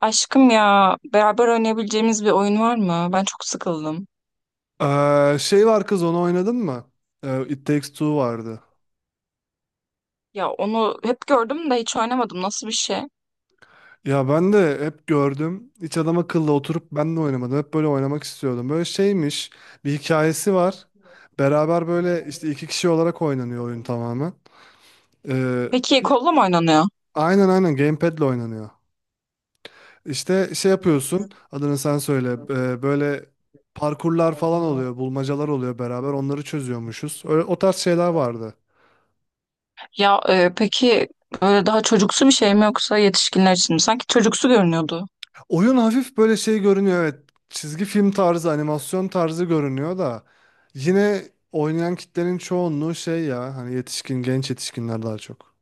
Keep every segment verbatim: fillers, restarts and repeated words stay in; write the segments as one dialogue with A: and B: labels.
A: Aşkım ya beraber oynayabileceğimiz bir oyun var mı? Ben çok sıkıldım.
B: Ee, şey var kız onu oynadın mı? Ee, It Takes Two vardı.
A: Ya onu hep gördüm de hiç oynamadım. Nasıl bir şey?
B: Ya ben de hep gördüm. Hiç adam akıllı oturup ben de oynamadım. Hep böyle oynamak istiyordum. Böyle şeymiş. Bir hikayesi var. Beraber böyle işte iki kişi olarak oynanıyor oyun tamamen. Ee,
A: Peki
B: bir-
A: kolla mı oynanıyor?
B: aynen aynen gamepad'le oynanıyor. İşte şey yapıyorsun. Adını sen söyle. Ee, böyle parkurlar falan oluyor. Bulmacalar oluyor beraber. Onları çözüyormuşuz. Öyle, o tarz şeyler vardı.
A: Ya e, peki böyle daha çocuksu bir şey mi yoksa yetişkinler için mi? Sanki çocuksu görünüyordu.
B: Oyun hafif böyle şey görünüyor, evet. Çizgi film tarzı, animasyon tarzı görünüyor da yine oynayan kitlenin çoğunluğu şey ya hani, yetişkin, genç yetişkinler daha çok.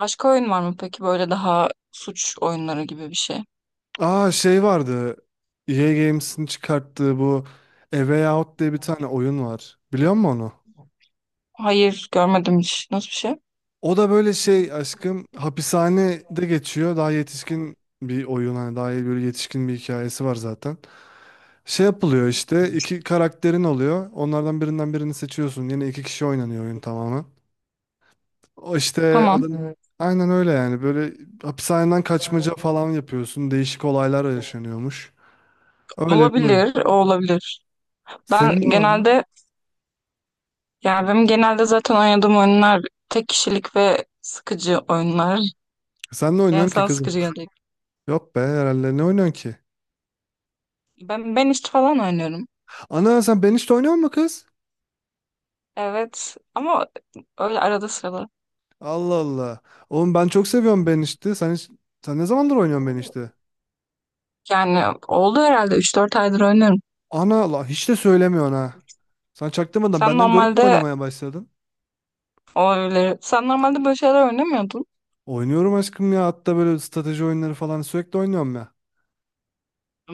A: Başka oyun var mı peki böyle daha suç oyunları gibi bir şey?
B: Aa, şey vardı. E A Games'in çıkarttığı bu A Way Out diye bir tane oyun var. Biliyor musun onu?
A: Hayır, görmedim hiç. Nasıl bir şey?
B: O da böyle şey aşkım, hapishanede geçiyor. Daha yetişkin bir oyun, hani daha böyle yetişkin bir hikayesi var zaten. Şey yapılıyor işte, iki karakterin oluyor. Onlardan birinden birini seçiyorsun. Yine iki kişi oynanıyor oyun tamamen. O işte
A: Tamam.
B: adın
A: Hmm.
B: aynen öyle yani. Böyle hapishaneden kaçmaca falan yapıyorsun. Değişik olaylar yaşanıyormuş. Öyle bir oyun.
A: Olabilir, o olabilir. Ben
B: Senin var mı?
A: genelde yani benim genelde zaten oynadığım oyunlar tek kişilik ve sıkıcı oyunlar.
B: Sen ne
A: Yani
B: oynuyorsun ki
A: sana
B: kızım?
A: sıkıcı geldi.
B: Yok be, herhalde ne oynuyorsun ki?
A: Ben ben işte falan oynuyorum.
B: Ana sen Banished'de oynuyor musun kız?
A: Evet ama öyle arada sırada.
B: Allah Allah. Oğlum ben çok seviyorum Banished'i. Sen hiç, sen ne zamandır oynuyorsun Banished'i?
A: Yani oldu herhalde üç dört aydır oynuyorum.
B: Ana Allah, hiç de söylemiyorsun ha. Sen çaktırmadan
A: Sen
B: benden görüp mü
A: normalde
B: oynamaya başladın?
A: o öyle, Sen normalde böyle şeyler oynamıyordun.
B: Oynuyorum aşkım ya. Hatta böyle strateji oyunları falan sürekli oynuyorum ya.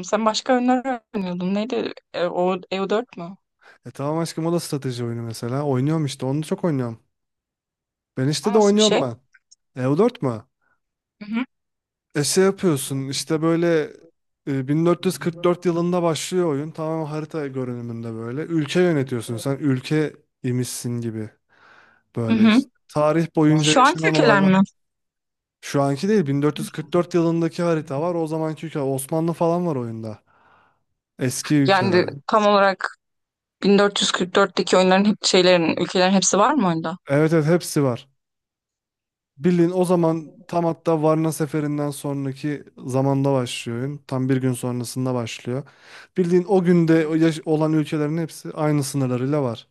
A: Sen başka oyunlar oynuyordun. Neydi? E, o E U dört mü?
B: E tamam aşkım, o da strateji oyunu mesela. Oynuyorum işte, onu çok oynuyorum. Ben
A: O
B: işte de
A: nasıl bir
B: oynuyorum
A: şey?
B: ben. Eu dört mü?
A: Hı hı.
B: E şey yapıyorsun işte böyle, e, bin dört yüz kırk dört yılında başlıyor oyun. Tamamen harita görünümünde böyle. Ülke yönetiyorsun sen. Ülke imişsin gibi
A: Hı
B: böyle
A: hı.
B: işte. Tarih boyunca
A: Şu anki
B: yaşanan
A: ülkeler
B: olaylar.
A: mi?
B: Şu anki değil, bin dört yüz kırk dört yılındaki harita var. O zamanki ülke Osmanlı falan var oyunda. Eski ülkeler.
A: Yani tam olarak bin dört yüz kırk dörtteki oyunların hep şeylerin ülkelerin hepsi var mı?
B: Evet evet, hepsi var. Bilin o zaman tam, hatta Varna seferinden sonraki zamanda başlıyor oyun. Tam bir gün sonrasında başlıyor. Bildiğin o günde o yaş- olan ülkelerin hepsi aynı sınırlarıyla var.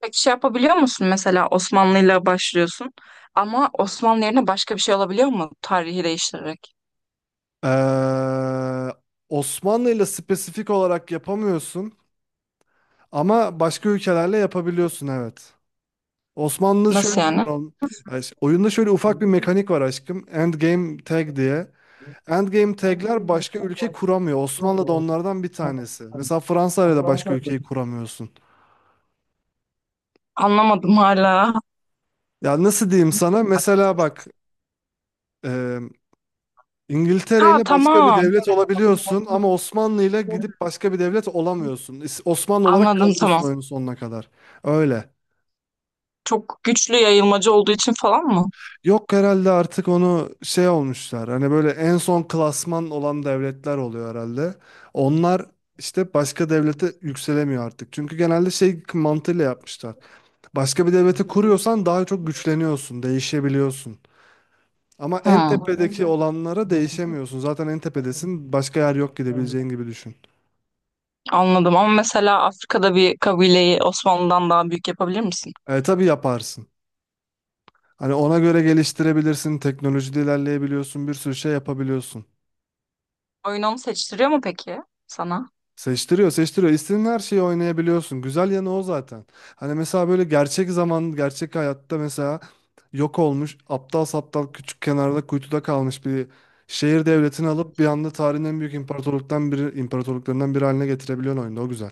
A: Peki şey yapabiliyor musun, mesela Osmanlı'yla başlıyorsun ama Osmanlı yerine başka bir şey olabiliyor mu tarihi değiştirerek?
B: Ee, Osmanlı ile spesifik olarak yapamıyorsun ama başka ülkelerle yapabiliyorsun, evet. Osmanlı şöyle.
A: Nasıl yani?
B: Ay, ş- oyunda şöyle ufak bir mekanik var aşkım. Endgame tag diye. Endgame tag'ler başka ülke kuramıyor. Osmanlı da onlardan bir tanesi. Mesela Fransa ile de başka ülkeyi kuramıyorsun.
A: Anlamadım hala.
B: Ya nasıl diyeyim sana? Mesela bak, e, İngiltere
A: Ha
B: ile başka bir
A: tamam,
B: devlet olabiliyorsun ama Osmanlı ile gidip başka bir devlet olamıyorsun. İs- Osmanlı olarak
A: anladım tamam.
B: kalıyorsun oyunun sonuna kadar. Öyle.
A: Çok güçlü yayılmacı olduğu için falan mı?
B: Yok herhalde, artık onu şey olmuşlar. Hani böyle en son klasman olan devletler oluyor herhalde. Onlar işte başka devlete yükselemiyor artık. Çünkü genelde şey mantığıyla yapmışlar. Başka bir devleti kuruyorsan daha çok güçleniyorsun, değişebiliyorsun. Ama
A: Hı,
B: en tepedeki olanlara değişemiyorsun. Zaten en tepedesin. Başka yer yok, gidebileceğin gibi düşün.
A: anladım ama mesela Afrika'da bir kabileyi Osmanlı'dan daha büyük yapabilir misin?
B: E, tabii yaparsın. Hani ona göre geliştirebilirsin. Teknolojide ilerleyebiliyorsun. Bir sürü şey yapabiliyorsun.
A: Oyun onu seçtiriyor mu peki sana?
B: Seçtiriyor, seçtiriyor. İstediğin her şeyi oynayabiliyorsun. Güzel yanı o zaten. Hani mesela böyle gerçek zaman, gerçek hayatta mesela yok olmuş, aptal saptal, küçük kenarda kuytuda kalmış bir şehir devletini alıp bir anda tarihin en büyük imparatorluktan biri, imparatorluklarından biri haline getirebiliyorsun oyunda. O güzel.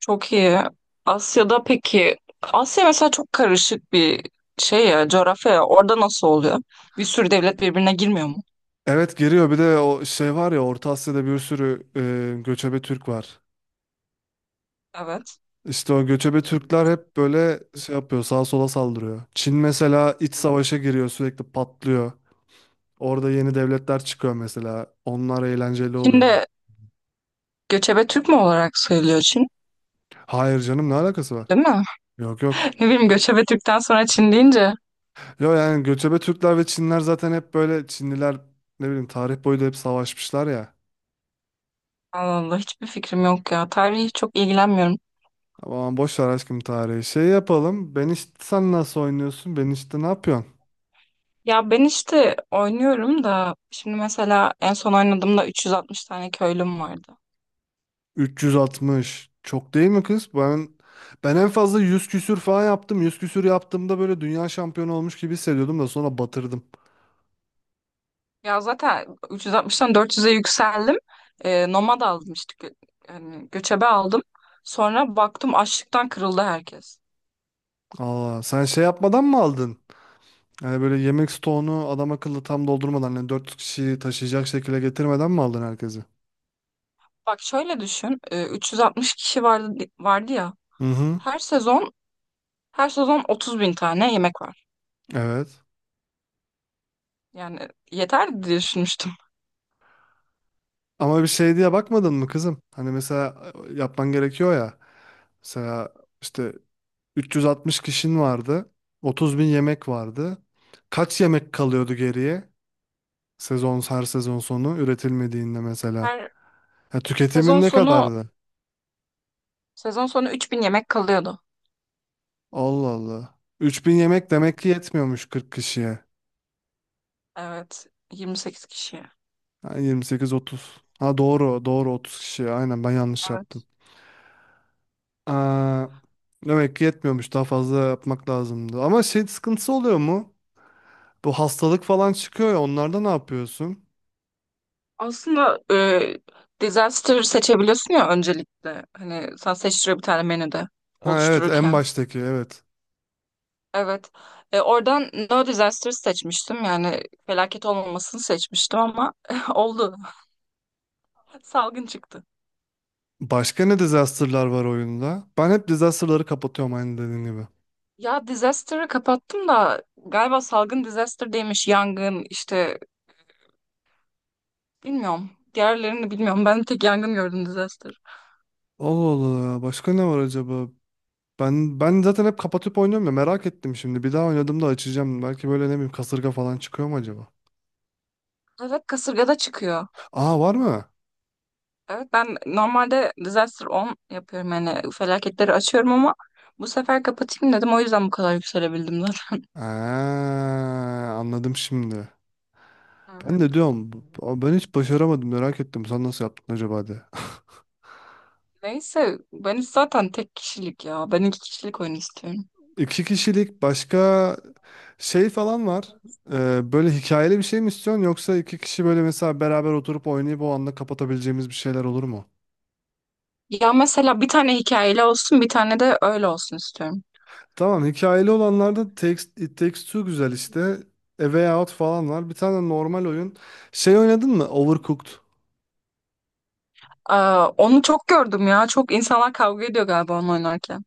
A: Çok iyi. Asya'da peki, Asya mesela çok karışık bir şey ya, coğrafya ya. Orada nasıl oluyor? Bir sürü devlet birbirine girmiyor mu?
B: Evet, geliyor. Bir de o şey var ya, Orta Asya'da bir sürü e, göçebe Türk var.
A: Evet.
B: İşte o göçebe Türkler hep böyle şey yapıyor, sağa sola saldırıyor. Çin mesela iç savaşa giriyor, sürekli patlıyor. Orada yeni devletler çıkıyor mesela. Onlar eğlenceli oluyor, yani.
A: Çin'de göçebe Türk mü olarak sayılıyor Çin?
B: Hayır canım, ne alakası var?
A: Değil mi?
B: Yok yok.
A: Ne bileyim, göçebe Türk'ten sonra Çin deyince.
B: Yo yani, göçebe Türkler ve Çinler zaten hep böyle, Çinliler ne bileyim tarih boyu da hep savaşmışlar ya.
A: Allah Allah, hiçbir fikrim yok ya. Tarihi çok ilgilenmiyorum.
B: Aman boş ver aşkım, tarihi. Şey yapalım. Ben işte, sen nasıl oynuyorsun? Ben işte ne yapıyorsun?
A: Ya ben işte oynuyorum da, şimdi mesela en son oynadığımda üç yüz altmış tane köylüm vardı.
B: üç yüz altmış. Çok değil mi kız? Ben ben en fazla yüz küsür falan yaptım. Yüz küsür yaptığımda böyle dünya şampiyonu olmuş gibi hissediyordum da sonra batırdım.
A: Ya zaten üç yüz altmıştan dört yüze yükseldim. Ee, nomad aldım işte gö- yani göçebe aldım. Sonra baktım açlıktan kırıldı herkes.
B: Aa, sen şey yapmadan mı aldın? Yani böyle yemek stoğunu adam akıllı tam doldurmadan, yani dört yüz kişiyi taşıyacak şekilde getirmeden mi aldın herkesi?
A: Bak şöyle düşün. e, üç yüz altmış kişi vardı vardı ya.
B: Hı hı.
A: Her sezon Her sezon otuz bin tane yemek var.
B: Evet.
A: Yani yeter diye düşünmüştüm.
B: Ama bir şey diye bakmadın mı kızım? Hani mesela, e, yapman gerekiyor ya. Mesela işte, üç yüz altmış kişin vardı. otuz bin yemek vardı. Kaç yemek kalıyordu geriye? Sezon her sezon sonu üretilmediğinde mesela.
A: Her
B: Ya
A: sezon
B: tüketimin ne
A: sonu
B: kadardı?
A: sezon sonu üç bin yemek kalıyordu.
B: Allah Allah. üç bin yemek demek ki yetmiyormuş kırk kişiye.
A: Evet, yirmi sekiz kişiye.
B: Ha, yirmi sekiz otuz. Ha, doğru doğru otuz kişiye. Aynen, ben yanlış yaptım.
A: Evet.
B: Aa, demek ki yetmiyormuş, daha fazla yapmak lazımdı. Ama şey sıkıntısı oluyor mu? Bu hastalık falan çıkıyor ya, onlarda ne yapıyorsun?
A: Aslında e, disaster seçebiliyorsun ya öncelikle. Hani sen seçtiriyor bir tane menüde
B: Ha evet, en
A: oluştururken.
B: baştaki evet.
A: Evet. E, oradan no disaster seçmiştim. Yani felaket olmamasını seçmiştim ama oldu. Salgın çıktı.
B: Başka ne disaster'lar var oyunda? Ben hep disaster'ları kapatıyorum, aynı dediğin gibi.
A: Ya disaster'ı kapattım da galiba salgın disaster değilmiş. Yangın, işte bilmiyorum. Diğerlerini bilmiyorum. Ben tek yangın gördüm disaster.
B: Allah Allah, başka ne var acaba? Ben ben zaten hep kapatıp oynuyorum ya, merak ettim şimdi. Bir daha oynadığımda açacağım. Belki böyle, ne bileyim, kasırga falan çıkıyor mu acaba?
A: Evet kasırgada çıkıyor.
B: Aa, var mı?
A: Evet, ben normalde disaster on yapıyorum, yani felaketleri açıyorum ama bu sefer kapatayım dedim, o yüzden bu kadar yükselebildim zaten.
B: Aa, anladım şimdi. Ben de
A: Evet.
B: diyorum, bu- bu- ben hiç başaramadım, merak ettim. Sen nasıl yaptın acaba de.
A: Neyse ben zaten tek kişilik ya. Ben iki kişilik oyun istiyorum.
B: İki kişilik başka şey falan var. Ee, böyle hikayeli bir şey mi istiyorsun, yoksa iki kişi böyle mesela beraber oturup oynayıp o anda kapatabileceğimiz bir şeyler olur mu?
A: Ya mesela bir tane hikayeli olsun, bir tane de öyle olsun istiyorum.
B: Tamam, hikayeli olanlarda text It Takes Two güzel işte. A Way Out falan var. Bir tane normal oyun. Şey oynadın mı? Overcooked.
A: Aa, onu çok gördüm ya. Çok insanlar kavga ediyor galiba onu oynarken.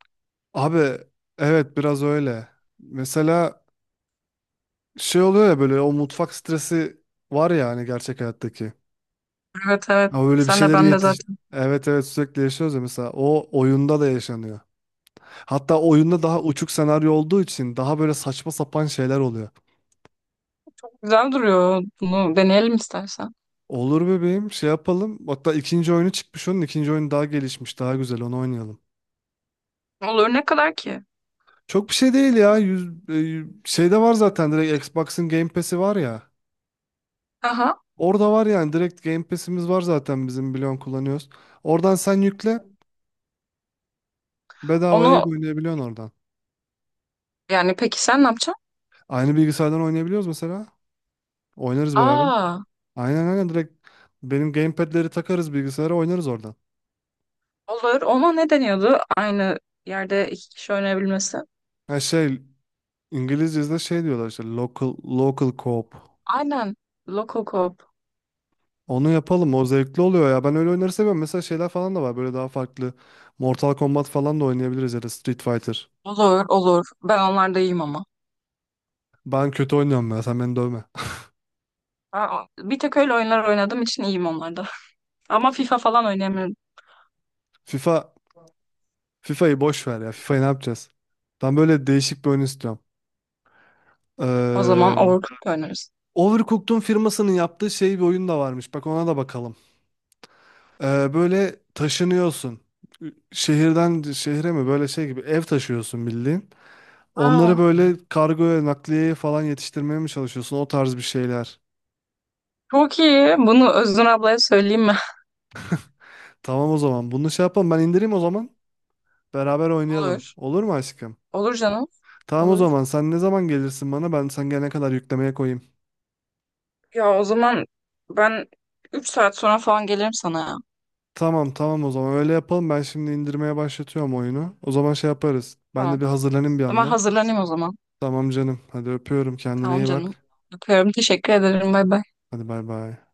B: Abi evet, biraz öyle. Mesela şey oluyor ya böyle, o mutfak stresi var ya, hani gerçek hayattaki.
A: Evet evet.
B: Ama böyle bir
A: Sen de
B: şeyleri
A: ben de
B: yetiş...
A: zaten.
B: Evet evet, sürekli yaşıyoruz ya, mesela o oyunda da yaşanıyor. Hatta oyunda daha uçuk senaryo olduğu için daha böyle saçma sapan şeyler oluyor.
A: Güzel duruyor. Bunu deneyelim istersen.
B: Olur bebeğim, şey yapalım. Hatta ikinci oyunu çıkmış onun, ikinci oyun daha gelişmiş daha güzel, onu oynayalım.
A: Olur, ne kadar ki?
B: Çok bir şey değil ya. Yüz, e, şeyde var zaten, direkt Xbox'ın Game Pass'i var ya.
A: Aha.
B: Orada var yani, direkt Game Pass'imiz var zaten bizim, biliyorsun, kullanıyoruz. Oradan sen yükle, bedavaya
A: Onu
B: oynayabiliyorsun oradan.
A: yani peki sen ne yapacaksın?
B: Aynı bilgisayardan oynayabiliyoruz mesela. Oynarız beraber.
A: Aa,
B: Aynen aynen, direkt benim gamepad'leri takarız bilgisayara, oynarız oradan.
A: olur. Ona ne deniyordu? Aynı yerde iki kişi oynayabilmesi.
B: Ha şey, İngilizce'de şey diyorlar işte, local local co-op.
A: Aynen. Lokokop.
B: Onu yapalım, o zevkli oluyor ya. Ben öyle oyunları seviyorum. Mesela şeyler falan da var böyle, daha farklı. Mortal Kombat falan da oynayabiliriz ya da Street Fighter.
A: Olur, olur. Ben onlarda iyiyim ama.
B: Ben kötü oynuyorum ya. Sen beni dövme.
A: Aa, bir tek öyle oyunlar oynadığım için iyiyim onlarda. Ama FIFA falan oynayamıyorum.
B: FIFA FIFA'yı boş ver ya. FIFA'yı ne yapacağız? Ben böyle değişik bir oyun istiyorum.
A: O zaman
B: Eee
A: Overcooked oynarız.
B: Overcooked'un firmasının yaptığı şey bir oyun da varmış. Bak, ona da bakalım. Eee, böyle taşınıyorsun. Şehirden şehre mi? Böyle şey gibi ev taşıyorsun bildiğin. Onları
A: Aa,
B: böyle kargoya, nakliyeye falan yetiştirmeye mi çalışıyorsun? O tarz bir şeyler.
A: çok iyi. Bunu Özgün ablaya söyleyeyim mi?
B: Tamam o zaman. Bunu şey yapalım. Ben indireyim o zaman. Beraber oynayalım.
A: Olur.
B: Olur mu aşkım?
A: Olur canım.
B: Tamam o
A: Olur.
B: zaman. Sen ne zaman gelirsin bana? Ben sen gelene kadar yüklemeye koyayım.
A: Ya o zaman ben üç saat sonra falan gelirim sana ya.
B: Tamam tamam, o zaman öyle yapalım. Ben şimdi indirmeye başlatıyorum oyunu. O zaman şey yaparız. Ben de
A: Tamam.
B: bir hazırlanayım bir
A: Ama
B: yandan.
A: hazırlanayım o zaman.
B: Tamam canım. Hadi öpüyorum. Kendine
A: Tamam
B: iyi
A: canım.
B: bak.
A: Öpüyorum. Teşekkür ederim. Bay bay.
B: Hadi bay bay.